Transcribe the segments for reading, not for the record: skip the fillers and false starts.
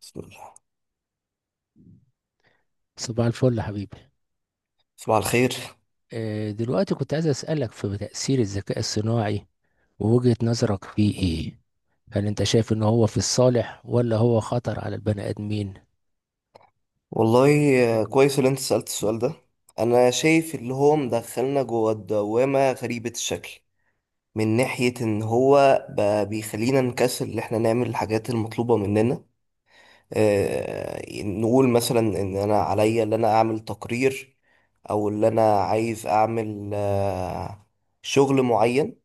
بسم الله. صباح الفل يا حبيبي. صباح الخير. دلوقتي كنت عايز أسألك في تأثير الذكاء الصناعي ووجهة نظرك فيه إيه؟ هل أنت شايف إن هو في الصالح ولا هو خطر على البني آدمين؟ والله، كويس اللي انت سألت السؤال ده. انا شايف اللي هو مدخلنا جوه الدوامة غريبة الشكل، من ناحية ان هو بقى بيخلينا نكسل اللي احنا نعمل الحاجات المطلوبة مننا. اه نقول مثلا ان انا عليا ان انا اعمل تقرير، او ان انا عايز اعمل شغل معين.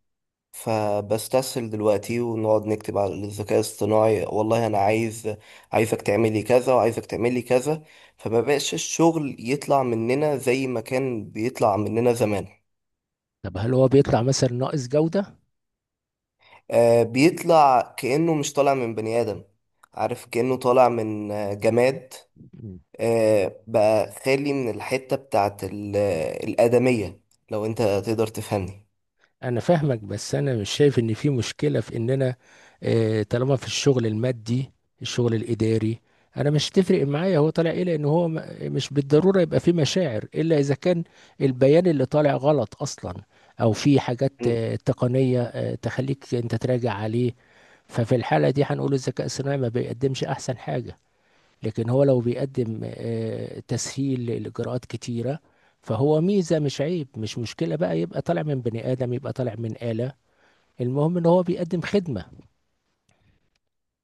فبستسهل دلوقتي ونقعد نكتب على الذكاء الاصطناعي، والله انا عايز عايزك تعملي كذا وعايزك تعملي كذا. فما بقاش الشغل يطلع مننا زي ما كان بيطلع مننا زمان. طب هل هو بيطلع مثلا ناقص جودة؟ بيطلع كأنه مش طالع من بني آدم. عارف، كأنه طالع من جماد. بقى خالي من الحتة بتاعت الآدمية. لو انت تقدر تفهمني. انا فاهمك، بس انا مش شايف ان في مشكله في اننا، طالما في الشغل المادي، الشغل الاداري، انا مش تفرق معايا هو طالع ايه، لان هو مش بالضروره يبقى في مشاعر، الا اذا كان البيان اللي طالع غلط اصلا، او في حاجات م. تقنيه تخليك انت تراجع عليه. ففي الحاله دي هنقول الذكاء الصناعي ما بيقدمش احسن حاجه، لكن هو لو بيقدم تسهيل لإجراءات كتيرة، فهو ميزة مش عيب، مش مشكلة بقى يبقى طالع من بني آدم يبقى طالع من آلة، المهم إن هو بيقدم خدمة.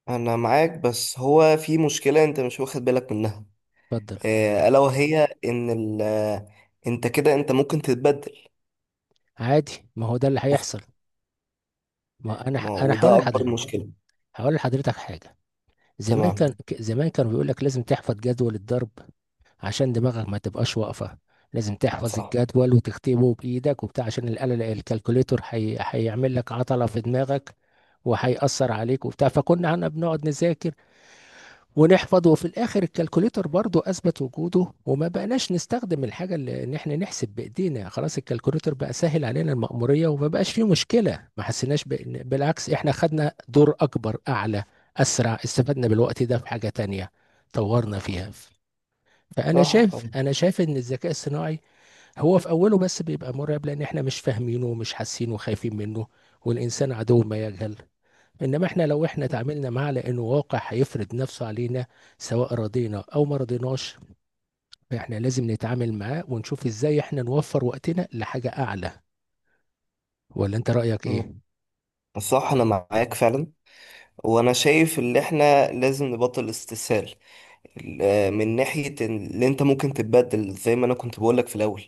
انا معاك، بس هو في مشكلة انت مش واخد بالك منها. اتفضل. الا وهي ان ال آه، انت كده انت ممكن تتبدل. عادي، ما هو ده اللي هيحصل. وف- ما هو أنا أنا هقول وده لحضرتك، اكبر مشكلة. هقول لحضرتك حاجة. تمام. زمان كانوا بيقول لك لازم تحفظ جدول الضرب عشان دماغك ما تبقاش واقفة. لازم تحفظ صح. الجدول وتكتبه بإيدك وبتاع، عشان الآلة الكالكوليتور هيعمل لك عطلة في دماغك وهيأثر عليك وبتاع. فكنا احنا بنقعد نذاكر ونحفظ، وفي الآخر الكالكوليتور برضو أثبت وجوده وما بقناش نستخدم الحاجة اللي إن احنا نحسب بإيدينا، خلاص الكالكوليتور بقى سهل علينا المأمورية وما بقاش فيه مشكلة، ما بالعكس احنا خدنا دور أكبر، أعلى، أسرع، استفدنا بالوقت ده في حاجة تانية طورنا فيها. فانا صح. شايف انا شايف ان الذكاء الصناعي هو في اوله بس بيبقى مرعب، لان احنا مش فاهمينه ومش حاسينه وخايفين منه، والانسان عدو ما يجهل. انما احنا لو احنا تعاملنا معاه، لانه واقع هيفرض نفسه علينا، سواء رضينا او ما رضيناش، فاحنا لازم نتعامل معاه ونشوف ازاي احنا نوفر وقتنا لحاجة اعلى. ولا انت رأيك مم. ايه؟ صح، انا معاك فعلا. وانا شايف ان احنا لازم نبطل استسهال من ناحية اللي انت ممكن تتبدل زي ما انا كنت بقولك في الاول.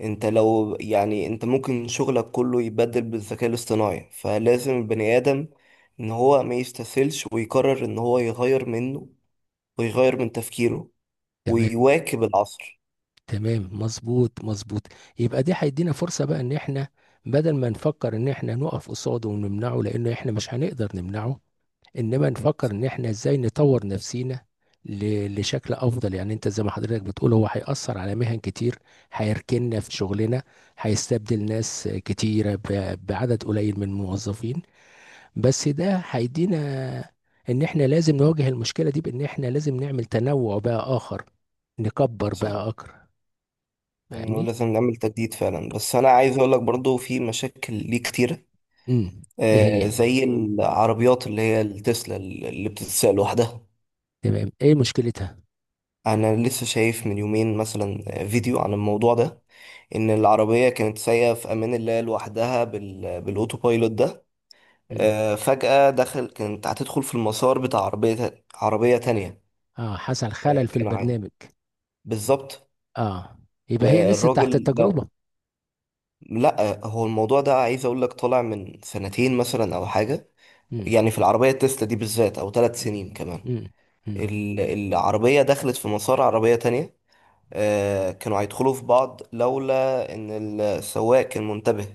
انت لو يعني انت ممكن شغلك كله يتبدل بالذكاء الاصطناعي، فلازم البني ادم ان هو ما يستسهلش ويقرر ان هو يغير منه، ويغير من تفكيره، تمام. ويواكب العصر. تمام، مظبوط مظبوط. يبقى دي هيدينا فرصة بقى ان احنا، بدل ما نفكر ان احنا نقف قصاده ونمنعه، لان احنا مش هنقدر نمنعه، انما نفكر صح. ان احنا ازاي نطور نفسينا لشكل افضل. يعني انت زي ما حضرتك بتقول هو هيأثر على مهن كتير، هيركننا في شغلنا، هيستبدل ناس كتيرة بعدد قليل من الموظفين، بس ده هيدينا ان احنا لازم نواجه المشكلة دي، بان احنا لازم نعمل تنوع بقى اخر، نكبر صح. بقى اكتر. انه فاهمني؟ لازم نعمل تجديد فعلا، بس انا عايز اقول لك برضو في مشاكل ليه كتيرة. امم. ايه هي؟ زي العربيات اللي هي التسلا اللي بتتساق لوحدها. تمام، ايه مشكلتها؟ انا لسه شايف من يومين مثلا فيديو عن الموضوع ده. ان العربية كانت سايقة في امان الله لوحدها بالاوتو بايلوت ده. امم. فجأة كانت هتدخل في المسار بتاع عربية تانية. اه، حصل خلل في كان عادي. البرنامج. بالظبط. اه. يبقى هي لسه تحت والراجل لو التجربة. لا، هو الموضوع ده عايز اقول لك طالع من سنتين مثلا او حاجه. امم. يعني في العربيه التسلا دي بالذات، او ثلاث مم. سنين كمان. مم. مم. العربيه دخلت في مسار عربيه تانية. كانوا هيدخلوا في بعض لولا ان السواق كان منتبه،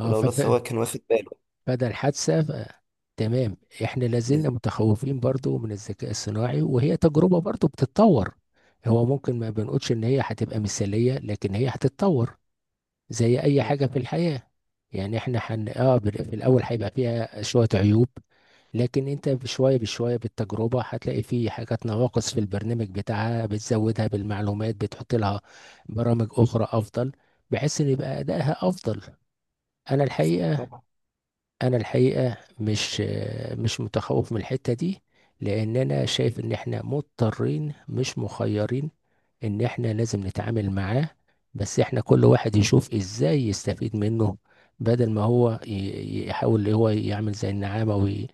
اه ولولا فف- السواق كان واخد باله. فده الحادثة تمام. احنا بس- لازلنا متخوفين برضو من الذكاء الصناعي، وهي تجربة برضو بتتطور. هو ممكن ما بنقولش ان هي هتبقى مثالية، لكن هي هتتطور زي اي حاجة في الحياة. يعني اه في الاول هيبقى فيها شوية عيوب، لكن انت بشوية بشوية بالتجربة هتلاقي فيه حاجات نواقص في البرنامج بتاعها، بتزودها بالمعلومات، بتحط لها برامج اخرى افضل، بحيث ان يبقى ادائها افضل. انا الحقيقه، صح. انا الحقيقه مش مش متخوف من الحته دي، لان انا شايف ان احنا مضطرين مش مخيرين ان احنا لازم نتعامل معاه. بس احنا كل واحد يشوف ازاي يستفيد منه، بدل ما هو يحاول اللي هو يعمل زي النعامه،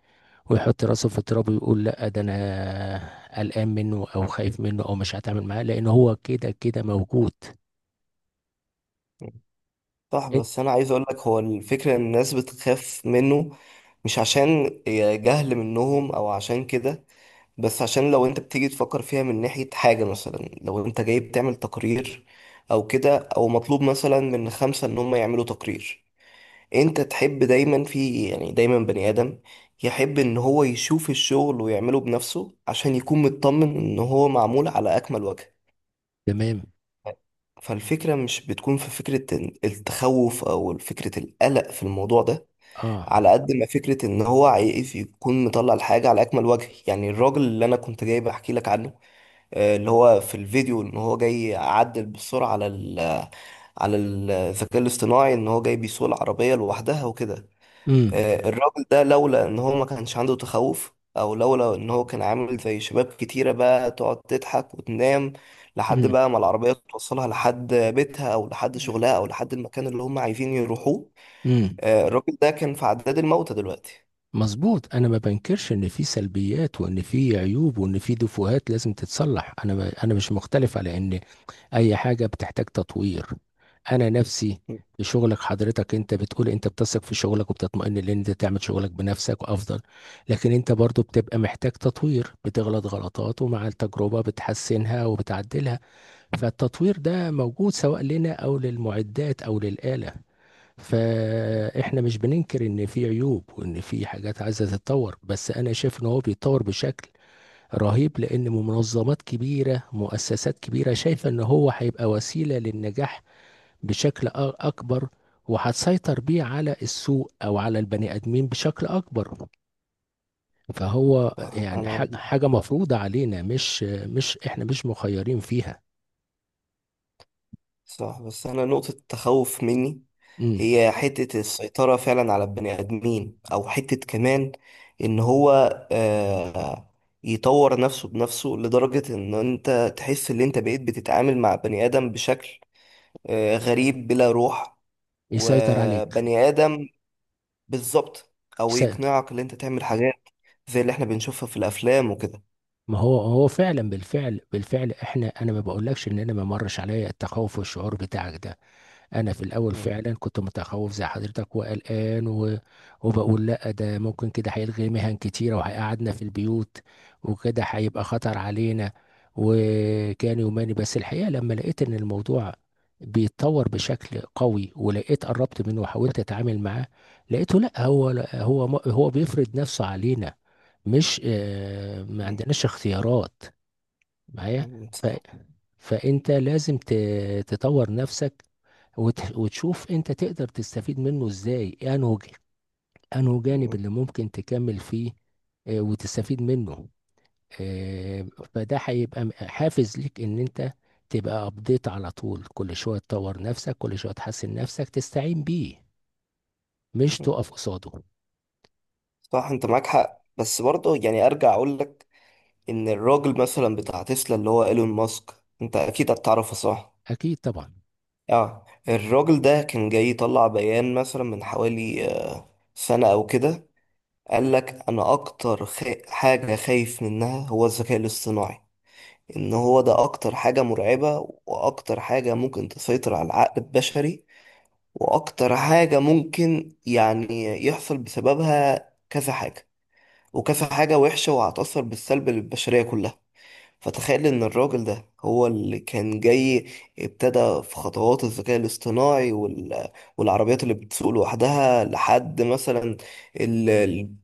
ويحط راسه في التراب ويقول لا ده انا قلقان منه، او خايف منه، او مش هتعامل معاه، لان هو كده كده موجود. صح، إن- بس انا عايز اقول لك هو الفكره ان الناس بتخاف منه، مش عشان جهل منهم او عشان كده. بس عشان لو انت بتيجي تفكر فيها من ناحية حاجة، مثلا لو انت جاي بتعمل تقرير او كده، او مطلوب مثلا من خمسة ان هم يعملوا تقرير. انت تحب دايما في يعني دايما بني ادم يحب ان هو يشوف الشغل ويعمله بنفسه عشان يكون مطمن ان هو معمول على اكمل وجه. تمام. فالفكرة مش بتكون في فكرة التخوف، او فكرة القلق في الموضوع ده. اه. على قد ما فكرة ان هو عايز يكون مطلع الحاجة على اكمل وجه، يعني الراجل اللي انا كنت جاي بحكي لك عنه. اللي هو في الفيديو ان هو جاي يعدل بالسرعه على الذكاء الاصطناعي، ان هو جاي بيسوق العربيه لوحدها وكده. امم. الراجل ده لولا ان هو ما كانش عنده تخوف، او لولا ان هو كان عامل زي شباب كتيره بقى تقعد تضحك وتنام لحد بقى ما العربيه توصلها لحد بيتها او لحد شغلها او لحد المكان اللي هم عايزين يروحوه. امم. الراجل ده كان في عداد الموتى دلوقتي. مظبوط. انا ما بنكرش ان في سلبيات، وان في عيوب، وان في دفوهات لازم تتصلح، انا مش مختلف على ان اي حاجه بتحتاج تطوير. انا نفسي في شغلك، حضرتك انت بتقول انت بتثق في شغلك وبتطمئن لان انت تعمل شغلك بنفسك وافضل، لكن انت برضو بتبقى محتاج تطوير، بتغلط غلطات ومع التجربه بتحسنها وبتعدلها. فالتطوير ده موجود سواء لنا او للمعدات او للآلة. فاحنا مش بننكر ان في عيوب وان في حاجات عايزه تتطور، بس انا شايف ان هو بيتطور بشكل رهيب، لان منظمات كبيره، مؤسسات كبيره شايفه ان هو هيبقى وسيله للنجاح بشكل اكبر، وهتسيطر بيه على السوق او على البني ادمين بشكل اكبر. فهو يعني فانا حاجه مفروضه علينا، مش احنا مش مخيرين فيها. صح، بس انا نقطة التخوف مني امم. هي حتة السيطرة فعلا على البني ادمين، او حتة كمان ان هو آه يطور نفسه بنفسه لدرجة ان انت تحس ان انت بقيت بتتعامل مع بني ادم بشكل غريب بلا روح. يسيطر عليك. وبني ادم. بالظبط. او يس- يقنعك ان انت تعمل حاجات زي اللي احنا بنشوفها في الافلام وكده. ما هو هو فعلا، بالفعل احنا، انا ما بقولكش ان انا ما مرش عليا التخوف والشعور بتاعك ده. انا في الاول مم. فعلا كنت متخوف زي حضرتك وقلقان وبقول لا ده ممكن كده هيلغي مهن كتيره وهيقعدنا في البيوت، وكده هيبقى خطر علينا، وكان يوماني. بس الحقيقه لما لقيت ان الموضوع بيتطور بشكل قوي، ولقيت قربت منه وحاولت اتعامل معاه، لقيته لا، هو هو بيفرض نفسه علينا، مش ما مم. عندناش اختيارات معايا مم. صح. فانت لازم تطور نفسك، وتشوف انت تقدر تستفيد منه ازاي، انه انه جانب مم. اللي ممكن تكمل فيه، وتستفيد منه. آه، فده هيبقى حافز ليك ان انت تبقى ابديت على طول، كل شوية تطور نفسك، كل شوية تحسن نفسك، تستعين بيه، مش تقف قصاده. صح، انت معاك حق، بس برضه يعني ارجع اقول لك ان الراجل مثلا بتاع تسلا اللي هو ايلون ماسك، انت اكيد هتعرفه، صح؟ اكيد طبعا. اه، الراجل ده كان جاي يطلع بيان مثلا من حوالي سنة او كده. قال لك انا اكتر حاجة خايف منها هو الذكاء الاصطناعي، ان هو ده اكتر حاجة مرعبة، واكتر حاجة ممكن تسيطر على العقل البشري، واكتر حاجة ممكن يعني يحصل بسببها كذا حاجة وكذا حاجة وحشة، وهتأثر بالسلب للبشرية كلها. فتخيل ان الراجل ده هو اللي كان جاي ابتدى في خطوات الذكاء الاصطناعي والعربيات اللي بتسوق لوحدها. لحد مثلا ال-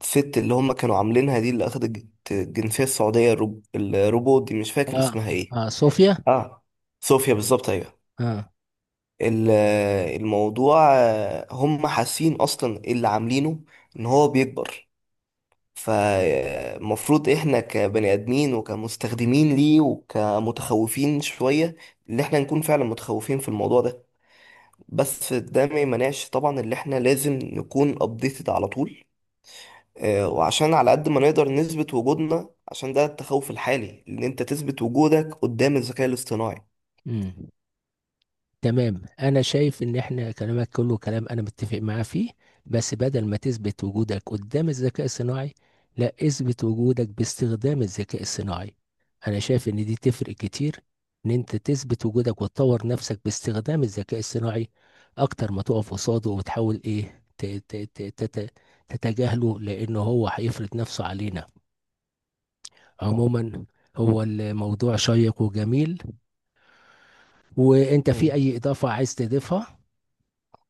الست اللي هم كانوا عاملينها دي اللي اخدت الجنسية السعودية، الروبوت دي مش فاكر اه. اسمها ايه. اه، صوفيا. اه، صوفيا بالظبط، ايوه. اه. ال- الموضوع هم حاسين اصلا اللي عاملينه ان هو بيكبر. فالمفروض احنا كبني ادمين وكمستخدمين ليه وكمتخوفين شوية ان احنا نكون فعلا متخوفين في الموضوع ده. بس ده ما يمنعش طبعا اللي احنا لازم نكون ابديتد على طول. وعشان على قد ما نقدر نثبت وجودنا، عشان ده التخوف الحالي ان انت تثبت وجودك قدام الذكاء الاصطناعي. مم. تمام، انا شايف ان احنا كلامك كله كلام انا متفق معاه فيه، بس بدل ما تثبت وجودك قدام الذكاء الصناعي، لا، اثبت وجودك باستخدام الذكاء الصناعي. انا شايف ان دي تفرق كتير، ان انت تثبت وجودك وتطور نفسك باستخدام الذكاء الصناعي، اكتر ما تقف قصاده وتحاول ايه تتجاهله، لان هو هيفرض نفسه علينا صح. عموما. هو الموضوع شيق وجميل، وانت في مم. اي اضافة عايز تضيفها؟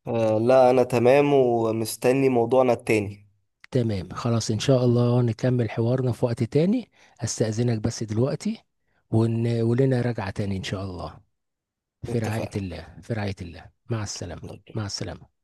لا، انا تمام ومستني موضوعنا التاني. تمام، خلاص ان شاء الله نكمل حوارنا في وقت تاني. استأذنك بس دلوقتي، ولنا رجعة تاني ان شاء الله. في رعاية اتفقنا. الله، في رعاية الله، مع السلامة. يلا. مع السلامة.